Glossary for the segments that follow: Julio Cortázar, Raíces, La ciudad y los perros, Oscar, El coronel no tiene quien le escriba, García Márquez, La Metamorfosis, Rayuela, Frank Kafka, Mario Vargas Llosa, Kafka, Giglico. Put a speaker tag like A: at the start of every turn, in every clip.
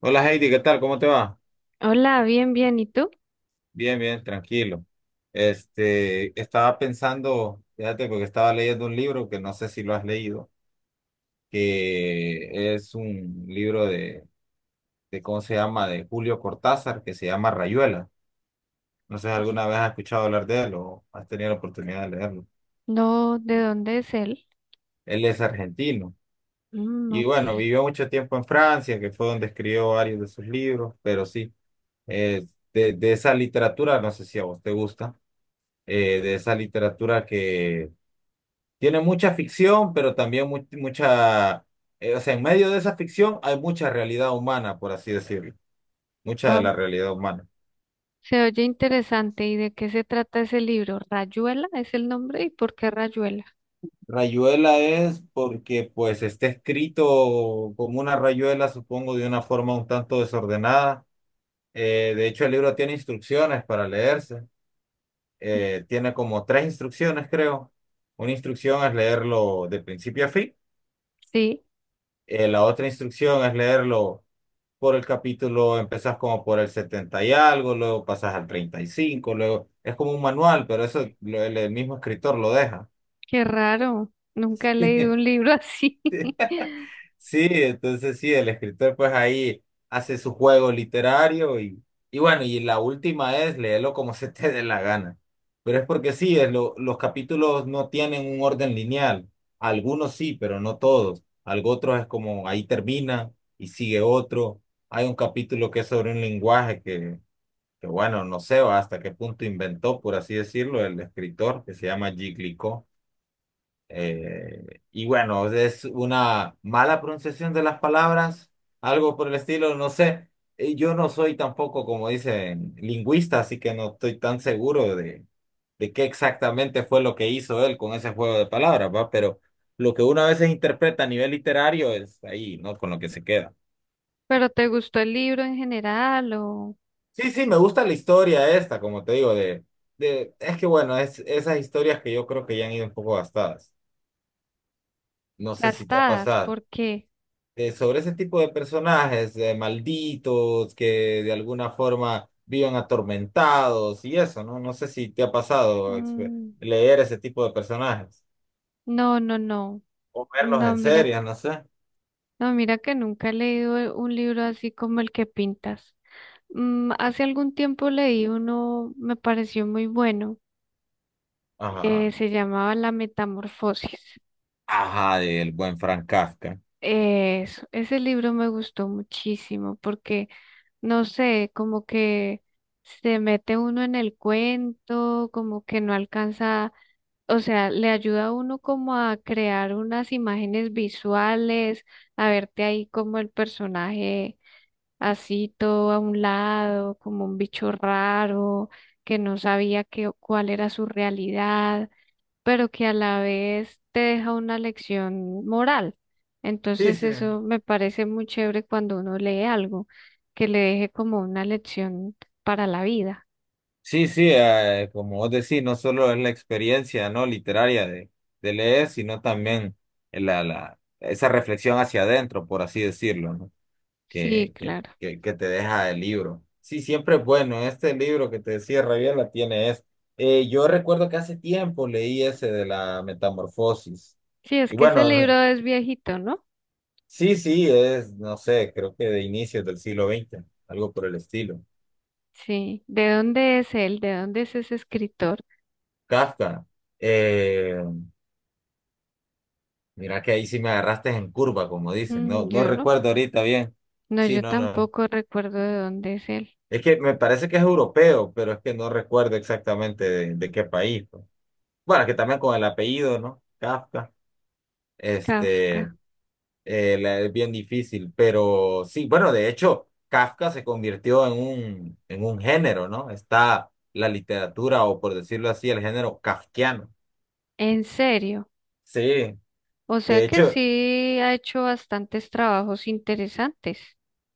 A: Hola Heidi, ¿qué tal? ¿Cómo te va?
B: Hola, bien, bien. ¿Y tú?
A: Bien, bien, tranquilo. Estaba pensando, fíjate, porque estaba leyendo un libro que no sé si lo has leído, que es un libro de ¿cómo se llama? De Julio Cortázar, que se llama Rayuela. No sé si alguna vez has escuchado hablar de él o has tenido la oportunidad de leerlo.
B: No, ¿de dónde es él?
A: Él es argentino
B: Mm,
A: y
B: ok.
A: bueno, vivió mucho tiempo en Francia, que fue donde escribió varios de sus libros, pero sí, eh, de esa literatura, no sé si a vos te gusta. De esa literatura que tiene mucha ficción, pero también mucha, o sea, en medio de esa ficción hay mucha realidad humana, por así decirlo, mucha de la
B: Wow,
A: realidad humana.
B: se oye interesante. ¿Y de qué se trata ese libro? ¿Rayuela es el nombre? ¿Y por qué Rayuela?
A: Rayuela es porque pues está escrito como una rayuela, supongo, de una forma un tanto desordenada. De hecho, el libro tiene instrucciones para leerse. Tiene como 3 instrucciones, creo. Una instrucción es leerlo de principio a fin.
B: Sí,
A: La otra instrucción es leerlo por el capítulo, empezás como por el 70 y algo, luego pasas al 35 luego es como un manual, pero eso el mismo escritor lo deja.
B: qué raro. Nunca he leído un libro así.
A: Sí, entonces sí, el escritor pues ahí hace su juego literario y bueno, y la última es léelo como se te dé la gana. Pero es porque sí, es los capítulos no tienen un orden lineal. Algunos sí, pero no todos. Algo otro es como ahí termina y sigue otro. Hay un capítulo que es sobre un lenguaje que bueno, no sé hasta qué punto inventó, por así decirlo, el escritor que se llama Giglico. Y bueno, es una mala pronunciación de las palabras, algo por el estilo, no sé. Yo no soy tampoco, como dicen, lingüista, así que no estoy tan seguro de qué exactamente fue lo que hizo él con ese juego de palabras, ¿va? Pero lo que uno a veces interpreta a nivel literario es ahí, ¿no? Con lo que se queda.
B: ¿Pero te gustó el libro en general o
A: Sí, sí, me gusta la historia esta, como te digo, es que bueno, es esas historias que yo creo que ya han ido un poco gastadas. No sé si te ha
B: gastadas?
A: pasado.
B: ¿Por qué?
A: Sobre ese tipo de personajes, malditos, que de alguna forma viven atormentados y eso, ¿no? No sé si te ha pasado
B: Mm,
A: leer ese tipo de personajes
B: no, no, no.
A: o verlos
B: No,
A: en
B: mira.
A: series, no sé.
B: No, mira que nunca he leído un libro así como el que pintas. Mm, hace algún tiempo leí uno, me pareció muy bueno,
A: Ajá.
B: se llamaba La Metamorfosis.
A: Ajá, del buen Frank Kafka.
B: Eso, ese libro me gustó muchísimo porque, no sé, como que se mete uno en el cuento, como que no alcanza, o sea, le ayuda a uno como a crear unas imágenes visuales, a verte ahí como el personaje, así todo a un lado, como un bicho raro, que no sabía cuál era su realidad, pero que a la vez te deja una lección moral.
A: Sí,
B: Entonces
A: sí.
B: eso me parece muy chévere cuando uno lee algo, que le deje como una lección para la vida.
A: Sí, sí, como vos decís, no solo es la experiencia no literaria de leer, sino también esa reflexión hacia adentro, por así decirlo, ¿no?
B: Sí,
A: Que, que,
B: claro.
A: que, que te deja el libro. Sí, siempre es bueno. Este libro que te decía Rabiela tiene es. Yo recuerdo que hace tiempo leí ese de la metamorfosis.
B: Sí, es
A: Y
B: que ese
A: bueno,
B: libro es viejito, ¿no?
A: sí, sí, es, no sé, creo que de inicios del siglo XX, algo por el estilo.
B: Sí. ¿De dónde es él? ¿De dónde es ese escritor?
A: Kafka. Eh, Mira que ahí sí me agarraste en curva, como dicen. No,
B: Mm,
A: no
B: yo no.
A: recuerdo ahorita bien.
B: No,
A: Sí,
B: yo
A: no, no.
B: tampoco recuerdo de dónde es él.
A: Es que me parece que es europeo, pero es que no recuerdo exactamente de qué país. Pues. Bueno, que también con el apellido, ¿no? Kafka.
B: Kafka.
A: Este, es bien difícil, pero sí, bueno, de hecho, Kafka se convirtió en en un género, ¿no? Está la literatura, o por decirlo así, el género kafkiano.
B: En serio,
A: Sí,
B: o
A: de
B: sea que
A: hecho.
B: sí ha hecho bastantes trabajos interesantes.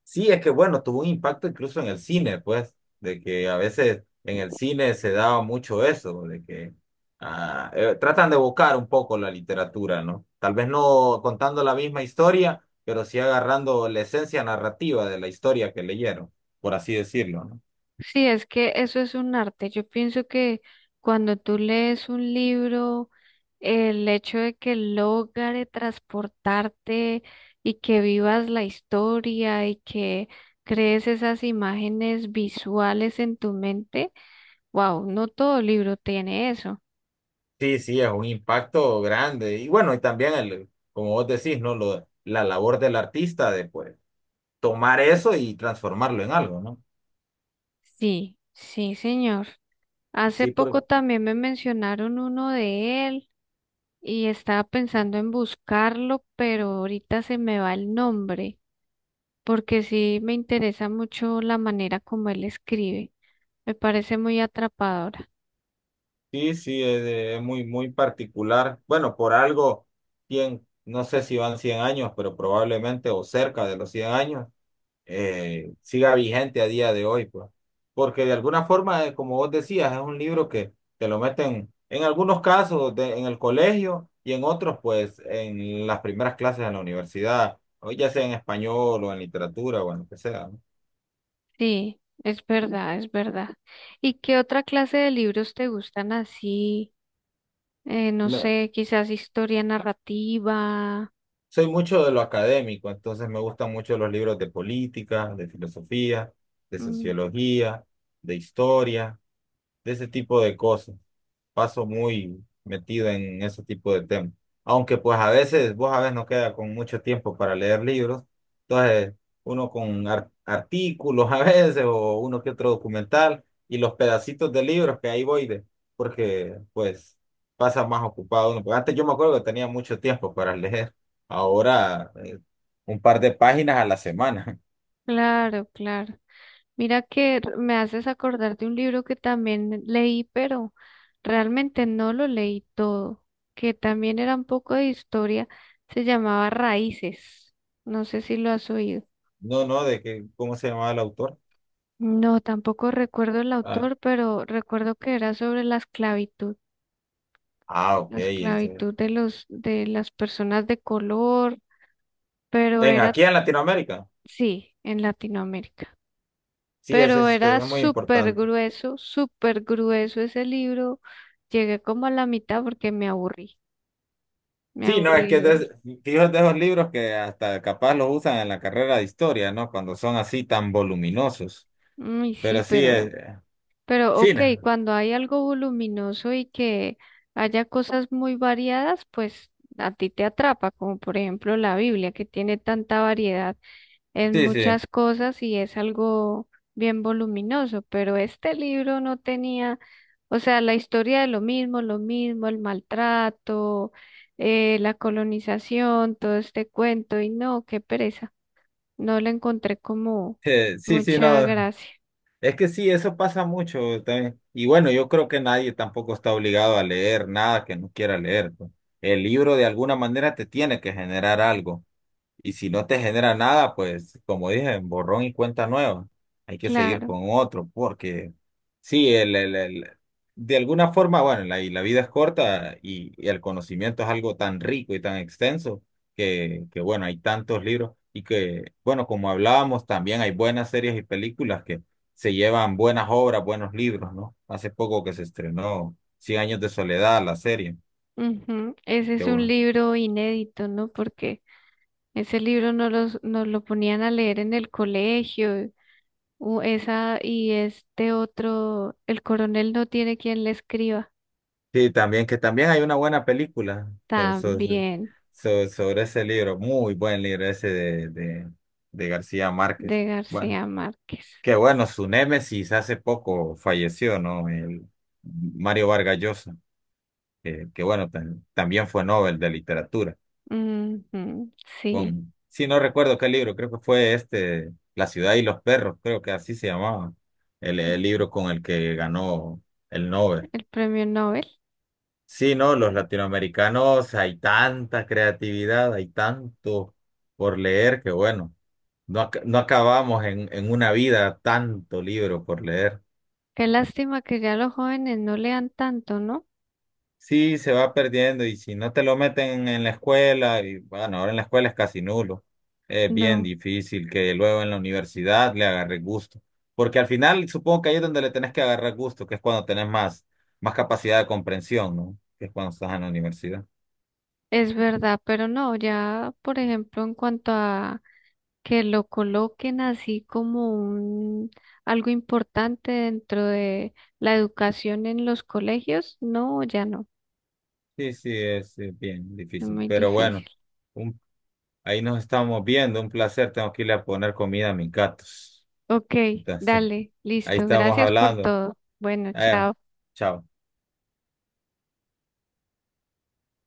A: Sí, es que bueno, tuvo un impacto incluso en el cine, pues, de que a veces en el cine se daba mucho eso, de que tratan de evocar un poco la literatura, ¿no? Tal vez no contando la misma historia, pero sí agarrando la esencia narrativa de la historia que leyeron, por así decirlo, ¿no?
B: Sí, es que eso es un arte. Yo pienso que cuando tú lees un libro, el hecho de que logre transportarte y que vivas la historia y que crees esas imágenes visuales en tu mente, wow, no todo libro tiene eso.
A: Sí, sí, es un impacto grande. Y bueno, y también el, como vos decís, ¿no? La labor del artista de pues tomar eso y transformarlo en algo, ¿no?
B: Sí, sí, señor. Hace
A: Sí,
B: poco también me mencionaron uno de él y estaba pensando en buscarlo, pero ahorita se me va el nombre, porque sí me interesa mucho la manera como él escribe. Me parece muy atrapadora.
A: sí, sí, es muy, muy particular. Bueno, por algo, 100, no sé si van 100 años, pero probablemente o cerca de los 100 años, siga vigente a día de hoy, pues. Porque de alguna forma, como vos decías, es un libro que te lo meten en algunos casos en el colegio y en otros, pues, en las primeras clases en la universidad, o ya sea en español o en literatura o en lo que sea,
B: Sí, es verdad, es verdad. ¿Y qué otra clase de libros te gustan así? No
A: ¿no?
B: sé, quizás historia narrativa.
A: Soy mucho de lo académico, entonces me gustan mucho los libros de política, de filosofía, de
B: Mm,
A: sociología, de historia de ese tipo de cosas. Paso muy metido en ese tipo de temas. Aunque pues a veces, vos a veces no queda con mucho tiempo para leer libros. Entonces, uno con artículos a veces o uno que otro documental y los pedacitos de libros que ahí voy de, porque pues pasa más ocupado uno. Porque antes yo me acuerdo que tenía mucho tiempo para leer. Ahora, un par de páginas a la semana.
B: claro, claro. Mira que me haces acordar de un libro que también leí, pero realmente no lo leí todo, que también era un poco de historia. Se llamaba Raíces. No sé si lo has oído.
A: No, no, de que, ¿cómo se llamaba el autor?
B: No, tampoco recuerdo el
A: Ah,
B: autor, pero recuerdo que era sobre la esclavitud.
A: ah, ok,
B: La
A: ese
B: esclavitud de de las personas de color, pero
A: En,
B: era,
A: aquí en Latinoamérica.
B: sí, en Latinoamérica.
A: Sí, ese
B: Pero
A: es, este,
B: era
A: es muy importante.
B: súper grueso ese libro. Llegué como a la mitad porque me
A: Sí, no, es que
B: aburrí
A: es
B: de él.
A: de, fíjate esos libros que hasta capaz los usan en la carrera de historia, ¿no? Cuando son así tan voluminosos.
B: Mm, y sí,
A: Pero sí, es,
B: pero
A: sí,
B: ok,
A: no,
B: cuando hay algo voluminoso y que haya cosas muy variadas, pues a ti te atrapa, como por ejemplo la Biblia, que tiene tanta variedad en
A: sí, sí,
B: muchas cosas y es algo bien voluminoso, pero este libro no tenía, o sea, la historia de lo mismo, el maltrato, la colonización, todo este cuento, y no, qué pereza, no le encontré como
A: sí, sí, no.
B: mucha gracia,
A: Es que sí, eso pasa mucho también. Y bueno, yo creo que nadie tampoco está obligado a leer nada que no quiera leer. Pues. El libro de alguna manera te tiene que generar algo. Y si no te genera nada, pues como dije, borrón y cuenta nueva. Hay que seguir
B: claro.
A: con otro, porque sí, de alguna forma, bueno, y la vida es corta y el conocimiento es algo tan rico y tan extenso bueno, hay tantos libros y que, bueno, como hablábamos, también hay buenas series y películas que se llevan buenas obras, buenos libros, ¿no? Hace poco que se estrenó Cien años de soledad, la serie.
B: Ujú, ese
A: Que
B: es un
A: bueno
B: libro inédito, ¿no? Porque ese libro no nos lo ponían a leer en el colegio. Esa y este otro, El coronel no tiene quien le escriba.
A: sí, también, que también hay una buena película
B: También
A: sobre ese libro, muy buen libro ese de García Márquez.
B: de
A: Bueno,
B: García Márquez.
A: qué bueno, su némesis hace poco falleció, ¿no? El Mario Vargas Llosa, que bueno, también fue Nobel de Literatura.
B: Ujú, sí,
A: Con, sí, no recuerdo qué libro, creo que fue este, La ciudad y los perros, creo que así se llamaba, el libro con el que ganó el Nobel.
B: el premio Nobel.
A: Sí, no, los latinoamericanos hay tanta creatividad, hay tanto por leer que bueno, no, no acabamos en una vida tanto libro por leer.
B: Qué lástima que ya los jóvenes no lean tanto, ¿no?
A: Sí, se va perdiendo y si no te lo meten en la escuela, y bueno, ahora en la escuela es casi nulo, es bien
B: No,
A: difícil que luego en la universidad le agarre gusto, porque al final supongo que ahí es donde le tenés que agarrar gusto, que es cuando tenés más, más capacidad de comprensión, ¿no? Que es cuando estás en la universidad.
B: es verdad, pero no, ya, por ejemplo, en cuanto a que lo coloquen así como un algo importante dentro de la educación en los colegios, no, ya no,
A: Sí, sí, es bien
B: es
A: difícil.
B: muy
A: Pero
B: difícil.
A: bueno, un- ahí nos estamos viendo. Un placer. Tengo que irle a poner comida a mis gatos.
B: Ok,
A: Entonces,
B: dale,
A: ahí
B: listo.
A: estamos
B: Gracias por
A: hablando.
B: todo. Bueno,
A: Eh,
B: chao.
A: chao.